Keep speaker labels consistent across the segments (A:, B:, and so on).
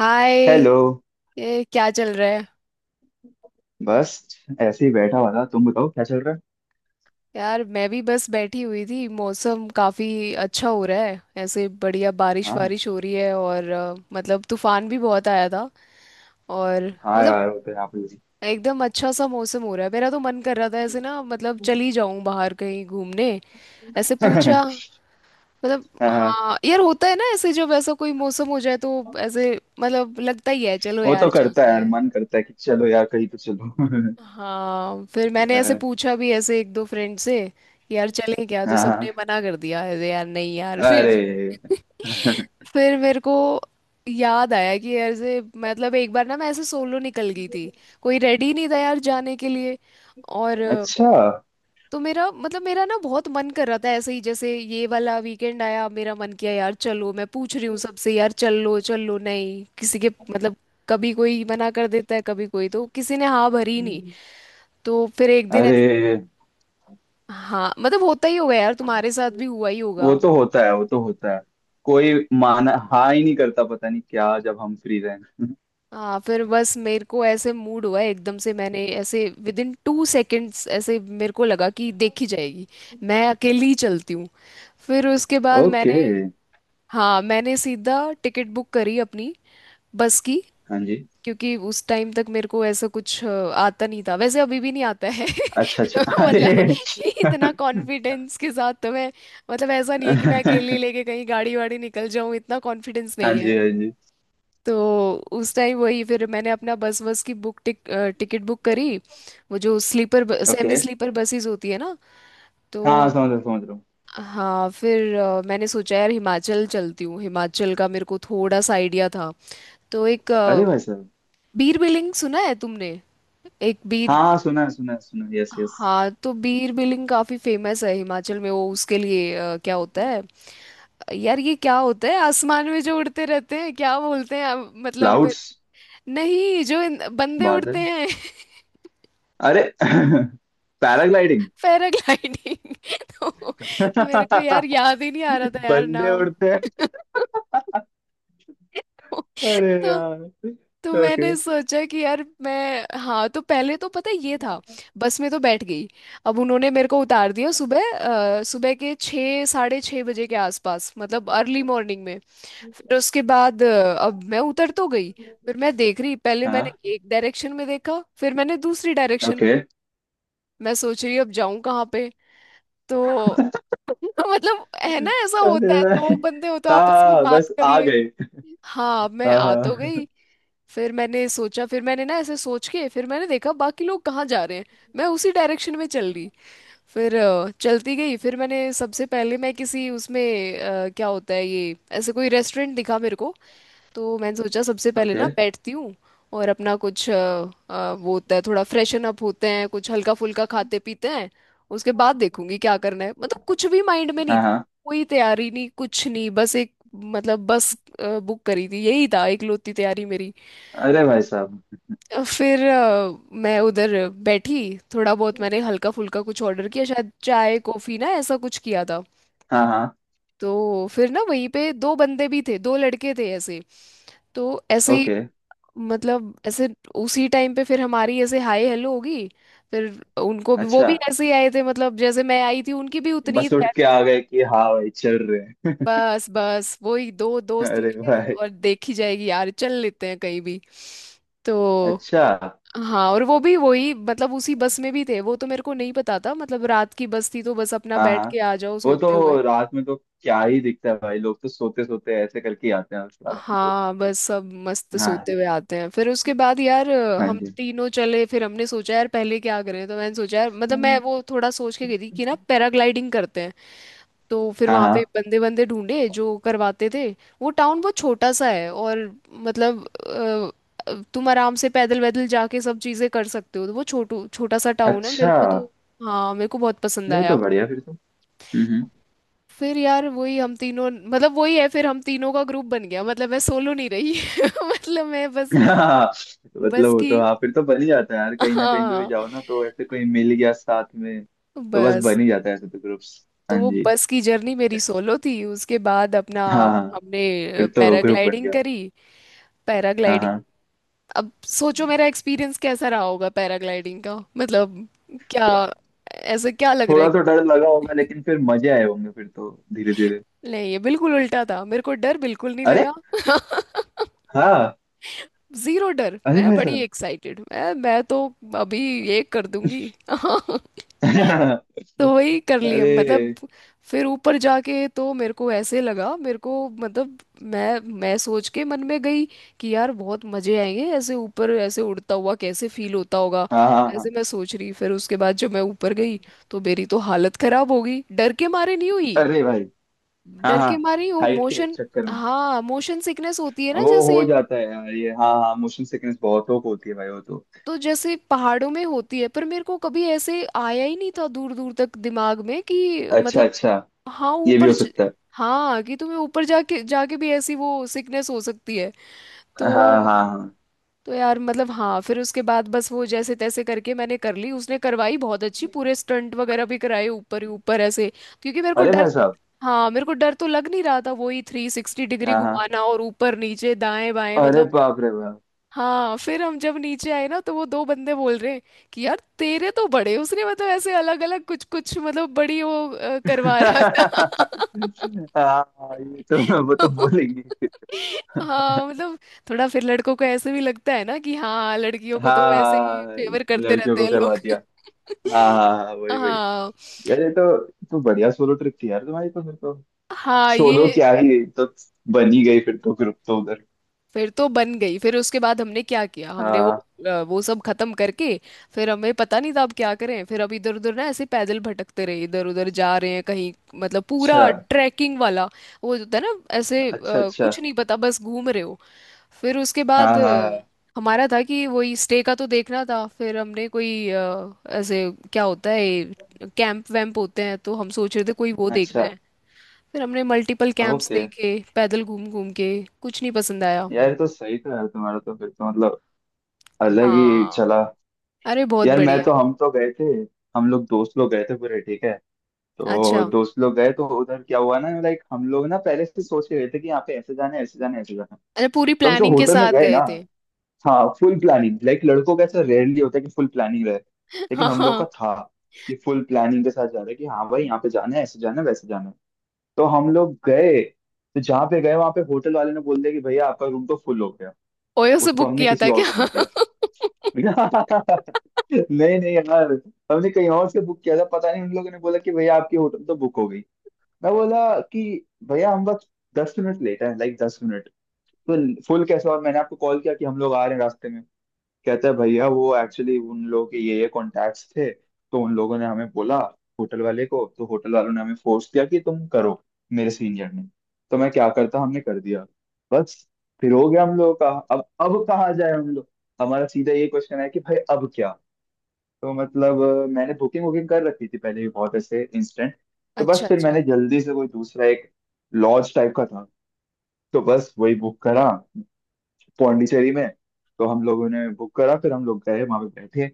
A: हाय।
B: Hello.
A: ये क्या चल रहा है?
B: बस ऐसे ही बैठा हुआ था, तुम बताओ क्या चल रहा है।
A: यार मैं भी बस बैठी हुई थी। मौसम काफी अच्छा हो रहा है, ऐसे बढ़िया बारिश
B: हाँ
A: वारिश हो रही है, और मतलब तूफान भी बहुत आया था। और
B: हाँ
A: मतलब
B: यार, वो तो यहाँ पे भी
A: एकदम अच्छा सा मौसम हो रहा है, मेरा तो मन कर रहा था ऐसे, ना मतलब चली जाऊं बाहर कहीं घूमने, ऐसे पूछा मतलब।
B: हाँ।
A: हाँ यार होता है ना ऐसे, जब ऐसा कोई मौसम हो जाए तो ऐसे मतलब लगता ही है, चलो
B: वो तो
A: यार
B: करता है
A: चलते
B: यार,
A: हैं।
B: मन करता है कि चलो यार कहीं तो चलो।
A: हाँ फिर मैंने ऐसे
B: अ,
A: पूछा भी ऐसे एक दो फ्रेंड से कि यार चलें क्या, तो
B: हाँ हाँ,
A: सबने मना कर दिया, अरे यार नहीं यार फिर
B: अरे
A: फिर मेरे को याद आया कि यार से मतलब एक बार ना मैं ऐसे सोलो निकल गई थी, कोई रेडी नहीं था यार जाने के लिए। और
B: अच्छा।
A: तो मेरा मतलब मेरा ना बहुत मन कर रहा था ऐसे ही, जैसे ये वाला वीकेंड आया, मेरा मन किया यार, चलो मैं पूछ रही हूँ सबसे, यार चल लो चल लो, नहीं किसी के मतलब कभी कोई मना कर देता है, कभी कोई, तो किसी ने हाँ भरी नहीं। तो फिर एक दिन ऐसे,
B: अरे
A: हाँ मतलब होता ही होगा यार, तुम्हारे साथ भी हुआ ही होगा।
B: वो तो होता है, वो तो होता है। कोई माना हाँ ही नहीं करता, पता नहीं क्या जब हम फ्री रहें।
A: हाँ फिर बस मेरे को ऐसे मूड हुआ एकदम से, मैंने ऐसे विद इन टू सेकेंड्स ऐसे मेरे को लगा कि देखी जाएगी, मैं अकेली ही चलती हूँ। फिर उसके बाद
B: ओके।
A: मैंने, हाँ मैंने सीधा टिकट बुक करी अपनी बस की,
B: हाँ जी।
A: क्योंकि उस टाइम तक मेरे को ऐसा कुछ आता नहीं था, वैसे अभी भी नहीं आता है
B: अच्छा अच्छा।
A: मतलब
B: अरे
A: इतना कॉन्फिडेंस के साथ तो मैं, मतलब ऐसा नहीं है कि मैं अकेली
B: हाँ
A: लेके कहीं गाड़ी वाड़ी निकल जाऊं, इतना कॉन्फिडेंस
B: जी, हाँ
A: नहीं है।
B: जी।
A: तो उस टाइम वही फिर मैंने अपना बस बस की बुक टिक, टिकट बुक करी, वो जो sleeper
B: okay,
A: semi sleeper buses होती है ना। तो
B: हाँ समझ रहा हूँ, समझ रहा।
A: हाँ फिर मैंने सोचा यार हिमाचल चलती हूँ, हिमाचल का मेरे को थोड़ा सा आइडिया था। तो एक
B: अरे भाई साहब।
A: बीर बिलिंग सुना है तुमने, एक बीर,
B: हाँ सुना है, सुना है, सुना है, यस यस।
A: हाँ तो बीर बिलिंग काफी फेमस है हिमाचल में, वो उसके लिए क्या होता है यार, ये क्या होता है आसमान में जो उड़ते रहते हैं, क्या बोलते हैं अब,
B: क्लाउड्स।
A: नहीं जो बंदे उड़ते
B: बादल।
A: हैं
B: अरे पैराग्लाइडिंग।
A: पैराग्लाइडिंग तो मेरे को यार याद ही नहीं आ रहा था यार
B: बंदे
A: नाम
B: उड़ते हैं। अरे
A: तो
B: यार।
A: तो
B: ओके।
A: मैंने सोचा कि यार मैं, हाँ तो पहले तो पता है ये था, बस में तो बैठ गई, अब उन्होंने मेरे को उतार दिया सुबह सुबह के छः साढ़े छः बजे के आसपास, मतलब अर्ली मॉर्निंग में। फिर उसके बाद अब मैं उतर तो गई, फिर मैं देख रही, पहले मैंने
B: हाँ।
A: एक डायरेक्शन में देखा, फिर मैंने दूसरी डायरेक्शन,
B: ओके।
A: मैं सोच रही अब जाऊं कहाँ पे। तो मतलब है ना, ऐसा
B: अरे
A: होता है,
B: भाई,
A: दो बंदे हो तो आपस में
B: हाँ
A: बात
B: बस
A: कर
B: आ
A: ले,
B: गए।
A: हाँ मैं
B: हाँ
A: आ तो
B: हाँ।
A: गई। फिर मैंने सोचा, फिर मैंने ना ऐसे सोच के फिर मैंने देखा बाकी लोग कहाँ जा रहे हैं, मैं उसी डायरेक्शन में चल रही, फिर चलती गई, फिर मैंने सबसे पहले मैं किसी उसमें क्या होता है ये ऐसे कोई रेस्टोरेंट दिखा मेरे को। तो मैंने सोचा सबसे पहले
B: ओके।
A: ना बैठती हूँ, और अपना कुछ वो होता है थोड़ा फ्रेशन अप होते हैं, कुछ हल्का फुल्का खाते पीते हैं, उसके बाद देखूंगी क्या करना है, मतलब कुछ भी माइंड में नहीं,
B: हाँ हाँ।
A: कोई तैयारी नहीं, कुछ नहीं, बस एक मतलब बस बुक करी थी यही था इकलौती तैयारी मेरी।
B: अरे भाई साहब।
A: फिर मैं उधर बैठी, थोड़ा बहुत मैंने हल्का फुल्का कुछ ऑर्डर किया, शायद चाय कॉफी ना ऐसा कुछ किया था।
B: हाँ हाँ।
A: तो फिर ना वहीं पे दो बंदे भी थे, दो लड़के थे ऐसे, तो ऐसे ही
B: ओके।
A: मतलब ऐसे उसी टाइम पे फिर हमारी ऐसे हाय हेलो होगी। फिर उनको भी, वो
B: अच्छा।
A: भी ऐसे ही आए थे, मतलब जैसे मैं आई थी, उनकी भी उतनी ही
B: बस
A: थी।
B: उठ के आ गए कि हाँ भाई चल रहे हैं।
A: बस बस वही दो दोस्त
B: अरे
A: मिले
B: भाई।
A: और देखी जाएगी यार, चल लेते हैं कहीं भी तो।
B: अच्छा।
A: हाँ और वो भी वही मतलब उसी बस में भी थे, वो तो मेरे को नहीं पता था, मतलब रात की बस थी तो बस अपना
B: हाँ
A: बैठ
B: हाँ।
A: के आ जाओ
B: वो
A: सोते हुए।
B: तो रात में तो क्या ही दिखता है भाई, लोग तो सोते सोते ऐसे करके ही आते हैं उस रात में तो।
A: हाँ बस सब मस्त
B: हाँ
A: सोते
B: जी,
A: हुए आते हैं, फिर उसके बाद यार
B: हाँ
A: हम
B: जी।
A: तीनों चले। फिर हमने सोचा यार पहले क्या करें, तो मैंने सोचा यार मतलब मैं वो थोड़ा सोच के गई थी कि ना पैराग्लाइडिंग करते हैं, तो फिर
B: हाँ
A: वहाँ पे
B: हाँ।
A: बंदे बंदे ढूंढे जो करवाते थे। वो टाउन बहुत छोटा सा है और मतलब तुम आराम से पैदल वैदल जाके सब चीज़ें कर सकते हो, तो वो छोटू छोटा सा टाउन है मेरे
B: अच्छा।
A: को तो, हाँ मेरे को बहुत पसंद
B: ये तो
A: आया।
B: बढ़िया फिर तो। हम्म।
A: फिर यार वही हम तीनों मतलब वही है, फिर हम तीनों का ग्रुप बन गया, मतलब मैं सोलो नहीं रही मतलब मैं बस,
B: हाँ, मतलब
A: बस
B: वो
A: की
B: तो हाँ, फिर तो बन ही जाता है यार। कहीं ना कहीं पे भी
A: हाँ
B: जाओ ना तो ऐसे कोई मिल गया साथ में। तो बस
A: बस,
B: बन ही जाता है ऐसे तो ग्रुप्स,
A: तो
B: हाँ
A: वो
B: जी।
A: बस की जर्नी मेरी सोलो थी, उसके बाद अपना
B: हाँ हाँ,
A: हमने
B: फिर तो ग्रुप बन
A: पैराग्लाइडिंग
B: गया।
A: करी।
B: हाँ
A: पैराग्लाइडिंग,
B: हाँ।
A: अब सोचो मेरा एक्सपीरियंस कैसा रहा होगा पैराग्लाइडिंग का, मतलब क्या, ऐसा क्या लग रहा
B: थोड़ा
A: है?
B: तो डर लगा होगा, लेकिन फिर मजे आए होंगे फिर तो धीरे धीरे।
A: नहीं ये बिल्कुल उल्टा था, मेरे को डर बिल्कुल नहीं
B: अरे
A: लगा,
B: हाँ।
A: जीरो डर,
B: अरे
A: मैं
B: भाई
A: बड़ी
B: साहब।
A: एक्साइटेड, मैं तो अभी ये कर दूंगी तो
B: अरे।
A: वही कर लिया मतलब। फिर ऊपर जाके तो मेरे को ऐसे लगा मेरे को, मतलब मैं सोच के मन में गई कि यार बहुत मजे आएंगे, ऐसे ऊपर ऐसे उड़ता हुआ कैसे फील होता होगा,
B: हाँ हाँ
A: ऐसे
B: हाँ।
A: मैं सोच रही। फिर उसके बाद जब मैं ऊपर गई तो मेरी तो हालत खराब हो गई, डर के मारे नहीं हुई,
B: अरे भाई। हाँ
A: डर
B: हाँ।
A: के मारे ही, वो
B: हाइट के
A: मोशन,
B: चक्कर में।
A: हाँ मोशन सिकनेस होती है ना
B: वो हो
A: जैसे,
B: जाता है यार ये, हाँ हाँ, मोशन सिकनेस बहुत लोग को होती है भाई, वो तो।
A: तो जैसे पहाड़ों में होती है, पर मेरे को कभी ऐसे आया ही नहीं था दूर दूर तक दिमाग में, कि
B: अच्छा
A: मतलब
B: अच्छा,
A: हाँ
B: ये भी
A: ऊपर
B: हो सकता है।
A: हाँ कि तुम्हें ऊपर जाके जाके भी ऐसी वो सिकनेस हो सकती है।
B: हाँ
A: तो
B: हाँ हाँ।
A: तो यार मतलब हाँ, फिर उसके बाद बस वो जैसे तैसे करके मैंने कर ली, उसने करवाई बहुत अच्छी, पूरे स्टंट वगैरह भी कराए ऊपर ही ऊपर ऐसे, क्योंकि मेरे को
B: अरे
A: डर,
B: भाई साहब।
A: हाँ मेरे को डर तो लग नहीं रहा था, वही थ्री सिक्सटी डिग्री
B: हाँ हाँ।
A: घुमाना और ऊपर नीचे दाएं बाएं
B: अरे
A: मतलब।
B: बाप रे बाप।
A: हाँ फिर हम जब नीचे आए ना, तो वो दो बंदे बोल रहे हैं कि यार तेरे तो बड़े उसने, मतलब ऐसे अलग अलग कुछ कुछ मतलब बड़ी वो करवा रहा था
B: हाँ ये तो वो तो बोलेंगे।
A: हाँ मतलब थोड़ा फिर लड़कों को ऐसे भी लगता है ना कि हाँ लड़कियों को तो ऐसे ही
B: हाँ हाँ,
A: फेवर करते
B: लड़कियों
A: रहते
B: को
A: हैं
B: करवा
A: लोग
B: दिया। हाँ हाँ हाँ, वही वही।
A: हाँ
B: यार ये तो बढ़िया सोलो ट्रिप थी यार तुम्हारी तो फिर तो।
A: हाँ
B: सोलो
A: ये,
B: क्या ही तो, बन ही गई फिर तो ग्रुप तो उधर।
A: फिर तो बन गई, फिर उसके बाद हमने क्या किया, हमने वो
B: हाँ।
A: वो सब खत्म करके फिर हमें पता नहीं था अब क्या करें। फिर अब इधर उधर ना ऐसे पैदल भटकते रहे, इधर उधर जा रहे हैं कहीं, मतलब
B: अच्छा
A: पूरा ट्रैकिंग वाला वो जो होता है ना, ऐसे
B: अच्छा। अच्छा।
A: कुछ नहीं पता बस घूम रहे हो। फिर उसके
B: हाँ
A: बाद
B: हाँ हाँ,
A: हमारा था कि वही स्टे का तो देखना था, फिर हमने कोई ऐसे क्या होता है, कैंप वैम्प होते हैं, तो हम सोच रहे थे कोई वो देखते
B: अच्छा।
A: हैं। फिर हमने मल्टीपल कैंप्स
B: ओके।
A: देखे पैदल घूम घूम के, कुछ नहीं पसंद आया।
B: यार ये तो सही था यार तुम्हारा तो, फिर तो मतलब अलग ही
A: हाँ,
B: चला।
A: अरे बहुत
B: यार मैं
A: बढ़िया।
B: तो, हम तो गए थे। हम लोग दोस्त लोग गए थे पूरे, ठीक है। तो
A: अच्छा,
B: दोस्त लोग गए तो उधर क्या हुआ ना, लाइक हम लोग ना पहले से सोच के गए थे कि यहाँ पे ऐसे जाना है, ऐसे जाना है, ऐसे जाना है।
A: अरे पूरी
B: तो हम जो
A: प्लानिंग के
B: होटल में
A: साथ
B: गए ना।
A: गए थे।
B: हाँ फुल प्लानिंग, लाइक लड़कों का ऐसा रेयरली होता है कि फुल प्लानिंग रहे, लेकिन
A: हाँ
B: हम लोग का
A: हाँ।
B: था कि फुल प्लानिंग के साथ जा रहे हैं कि हाँ भाई यहाँ पे जाना है, ऐसे जाना है, वैसे जाना है। तो हम लोग गए, तो जहाँ पे गए वहां पे होटल वाले ने बोल दिया कि भैया आपका रूम तो फुल हो गया,
A: ओयो से
B: उसको
A: बुक
B: हमने
A: किया
B: किसी
A: था
B: और
A: क्या?
B: को दे दिया। नहीं नहीं यार, हमने कहीं और से बुक किया था। पता नहीं उन लोगों ने बोला कि भैया आपकी होटल तो बुक हो गई। मैं बोला कि भैया हम बस 10 मिनट लेट है, लाइक 10 मिनट, तो फुल कैसे? और मैंने आपको कॉल किया कि हम लोग आ रहे हैं रास्ते में। कहता है भैया वो एक्चुअली उन लोगों के ये कॉन्टैक्ट्स थे, तो उन लोगों ने हमें बोला, होटल वाले को, तो होटल वालों ने हमें फोर्स किया कि तुम करो, मेरे सीनियर ने। तो मैं क्या करता, हमने कर दिया बस। फिर हो गया हम लोगों का, अब कहाँ जाए हम लोग। हमारा सीधा ये क्वेश्चन है कि भाई अब क्या। तो मतलब मैंने बुकिंग वुकिंग कर रखी थी पहले भी बहुत ऐसे इंस्टेंट। तो बस
A: अच्छा
B: फिर
A: अच्छा।
B: मैंने जल्दी से कोई दूसरा एक लॉज टाइप का था, तो बस वही बुक करा पौंडीचेरी में। तो हम लोगों ने बुक करा, फिर हम लोग गए वहां पे बैठे,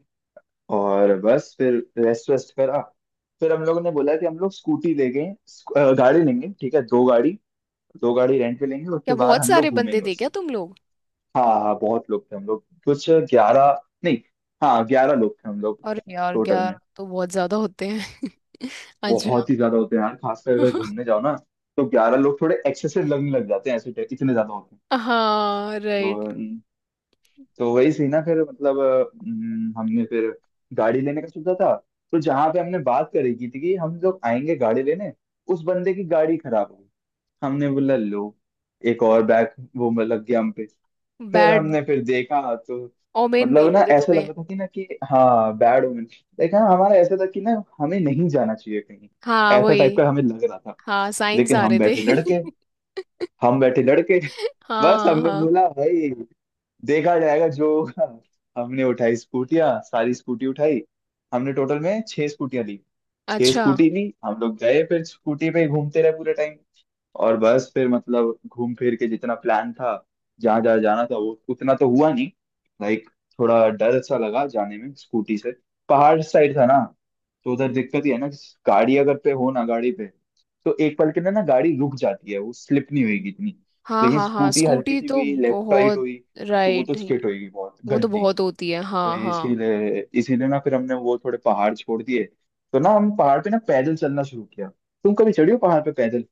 B: और बस फिर रेस्ट वेस्ट करा। फिर हम लोगों ने बोला कि हम लोग स्कूटी ले गए, गाड़ी लेंगे ठीक है, दो गाड़ी, दो गाड़ी रेंट पे लेंगे उसके
A: क्या
B: बाद
A: बहुत
B: हम लोग
A: सारे बंदे
B: घूमेंगे
A: थे क्या
B: उससे।
A: तुम लोग?
B: हाँ हाँ बहुत लोग थे, हम लोग कुछ 11, नहीं हाँ 11 लोग थे हम लोग
A: और यार
B: टोटल में।
A: यार तो बहुत ज्यादा होते हैं अच्छा
B: बहुत ही ज्यादा होते हैं यार, खासकर अगर घूमने जाओ ना, तो 11 लोग थोड़े एक्सेसिव लगने लग जाते हैं ऐसे, इतने ज्यादा होते हैं।
A: हाँ राइट।
B: तो, तो वही सीन है। फिर मतलब हमने फिर गाड़ी लेने का सोचा था। तो जहां पे हमने बात करी की थी कि हम लोग आएंगे गाड़ी लेने, उस बंदे की गाड़ी खराब हो गई। हमने बोला लो, एक और बैग वो मतलब लग गया हम पे। फिर
A: बैड
B: हमने फिर देखा तो,
A: ओमेन मिल
B: मतलब ना
A: रहे थे
B: ऐसा लग
A: तुम्हें?
B: रहा था कि ना कि हाँ बैड वुमेन, लेकिन हाँ, हमारा ऐसा था कि ना हमें नहीं जाना चाहिए कहीं,
A: हाँ
B: ऐसा
A: वही,
B: टाइप का हमें लग रहा था।
A: हाँ साइंस
B: लेकिन
A: आ
B: हम
A: रहे
B: बैठे
A: थे
B: लड़के, हम बैठे लड़के, बस
A: हाँ
B: हमने
A: हाँ।
B: बोला भाई देखा जाएगा जो होगा। हमने उठाई स्कूटियां, सारी स्कूटी उठाई, हमने टोटल में छह स्कूटियां ली, छह
A: अच्छा,
B: स्कूटी ली। हम लोग गए, फिर स्कूटी पे ही घूमते रहे पूरे टाइम। और बस फिर मतलब घूम फिर के जितना प्लान था, जहाँ जहाँ जाना था, वो उतना तो हुआ नहीं। लाइक थोड़ा डर सा लगा जाने में स्कूटी से, पहाड़ साइड था ना, तो उधर दिक्कत ही है ना कि, गाड़ी अगर पे हो ना गाड़ी पे, तो एक पल के लिए ना गाड़ी रुक जाती है, वो स्लिप नहीं होगी इतनी।
A: हाँ
B: लेकिन
A: हाँ हाँ
B: स्कूटी हल्की
A: स्कूटी
B: सी
A: तो
B: भी लेफ्ट राइट
A: बहुत,
B: हुई तो वो तो
A: राइट ही,
B: स्किट होगी बहुत
A: वो तो
B: गंदी।
A: बहुत होती है,
B: तो
A: हाँ हाँ।
B: इसीलिए इसीलिए ना फिर हमने वो थोड़े पहाड़ छोड़ दिए। तो ना हम पहाड़ पे ना पैदल चलना शुरू किया। तुम कभी चढ़ी हो पहाड़ पे पैदल?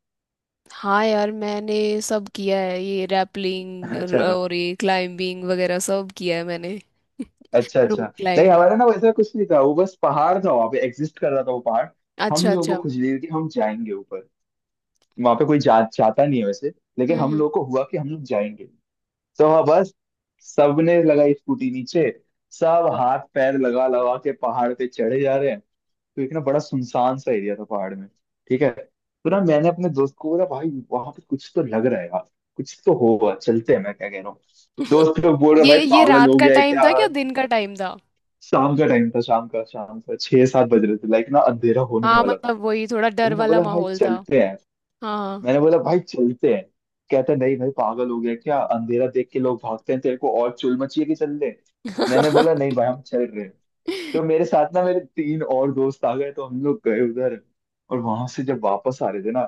A: हाँ यार मैंने सब किया है, ये रैपलिंग
B: अच्छा
A: और ये क्लाइंबिंग वगैरह सब किया है मैंने,
B: अच्छा
A: रोप
B: अच्छा। नहीं
A: क्लाइंबिंग।
B: हमारा ना वैसा कुछ नहीं था, वो बस पहाड़ था, वहाँ पे एग्जिस्ट कर रहा था वो पहाड़। हम
A: अच्छा
B: लोगों
A: अच्छा।
B: को खुश हुई कि हम जाएंगे ऊपर। वहाँ पे कोई जाता नहीं है वैसे, लेकिन हम
A: हम्म।
B: लोगों को हुआ कि हम लोग जाएंगे। तो वहाँ बस सबने लगाई स्कूटी नीचे, सब हाथ पैर लगा लगा के पहाड़ पे चढ़े जा रहे हैं। तो एक ना बड़ा सुनसान सा एरिया था पहाड़ में, ठीक है। तो ना मैंने अपने दोस्त को बोला भाई वहां पे कुछ तो लग रहा है यार, कुछ तो होगा चलते हैं, मैं क्या कह रहा हूँ। दोस्त लोग बोल रहे भाई
A: ये
B: पागल
A: रात
B: हो
A: का
B: गया है
A: टाइम
B: क्या।
A: था क्या, दिन का टाइम था?
B: शाम का टाइम था, शाम का, शाम का 6-7 बज रहे थे, लाइक ना अंधेरा होने
A: हाँ
B: वाला था।
A: मतलब वही थोड़ा
B: तो
A: डर
B: मैंने
A: वाला
B: बोला भाई
A: माहौल था।
B: चलते हैं,
A: हाँ
B: मैंने बोला भाई चलते हैं। कहता नहीं भाई पागल हो गया क्या, अंधेरा देख के लोग भागते हैं तेरे को और चुल मची है कि चल ले। मैंने बोला नहीं भाई हम चल रहे हैं। तो मेरे साथ ना मेरे तीन और दोस्त आ गए, तो हम लोग गए उधर। और वहां से जब वापस आ रहे थे ना,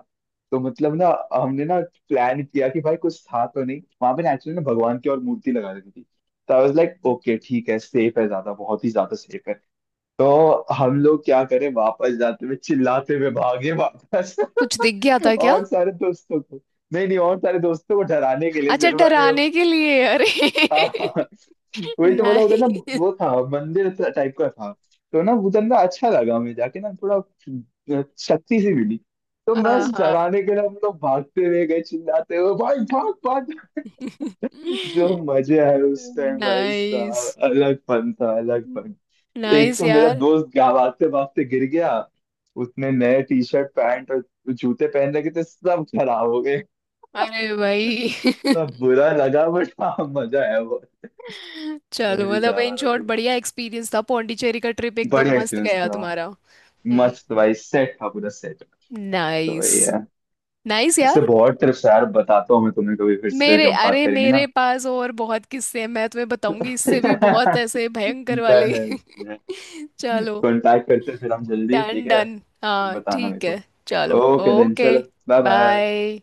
B: तो मतलब ना हमने ना प्लान किया कि भाई कुछ था तो नहीं वहां पे। नेचुरली ना भगवान की और मूर्ति लगा रखी थी, तो आई वाज लाइक ओके ठीक है, सेफ है, ज्यादा बहुत ही ज्यादा सेफ है। तो हम लोग क्या करें, वापस जाते हुए चिल्लाते हुए भागे वापस।
A: कुछ दिख गया था क्या?
B: और सारे दोस्तों को, नहीं नहीं, और सारे दोस्तों को डराने के लिए
A: अच्छा
B: सिर्फ, अरे
A: डराने के लिए? अरे
B: हाँ हाँ। वही तो बोला उधर ना,
A: नहीं।
B: वो था मंदिर टाइप का था। तो ना उधर ना अच्छा लगा, मैं जाके ना थोड़ा शक्ति सी मिली। तो मैं
A: आहा,
B: डराने के लिए हम लोग भागते हुए गए चिल्लाते हुए भाई भाग भाग। जो मजे आए उस टाइम, भाई
A: नाइस,
B: साहब अलग फन था, अलग फन। एक
A: नाइस
B: तो मेरा
A: यार।
B: दोस्त भागते भागते गिर गया। उसने नए टी शर्ट पैंट और जूते पहन रखे थे, सब खराब हो,
A: अरे भाई
B: सब बुरा लगा, बट हाँ मजा आया बहुत। तो
A: चलो,
B: वही
A: मतलब
B: था
A: इन
B: हमारा
A: शॉर्ट
B: तो,
A: बढ़िया एक्सपीरियंस था, पौंडीचेरी का ट्रिप एकदम
B: बढ़िया
A: मस्त
B: एक्सपीरियंस
A: गया
B: था,
A: तुम्हारा। हम्म,
B: मस्त भाई, सेट था पूरा सेट। तो
A: नाइस,
B: वही है।
A: नाइस
B: ऐसे
A: यार।
B: बहुत ट्रिप्स यार बताता हूँ मैं तुम्हें, कभी फिर से
A: मेरे,
B: जब बात
A: अरे
B: करेंगे
A: मेरे
B: ना।
A: पास और बहुत किस्से हैं, मैं तुम्हें बताऊंगी इससे भी बहुत
B: डन
A: ऐसे भयंकर वाले
B: है।
A: चलो।
B: कांटेक्ट करते हैं फिर हम जल्दी,
A: डन,
B: ठीक है?
A: डन
B: फिर
A: हाँ
B: बताना मेरे
A: ठीक
B: को।
A: है चलो।
B: ओके देन,
A: ओके
B: चलो। Bye bye.
A: बाय।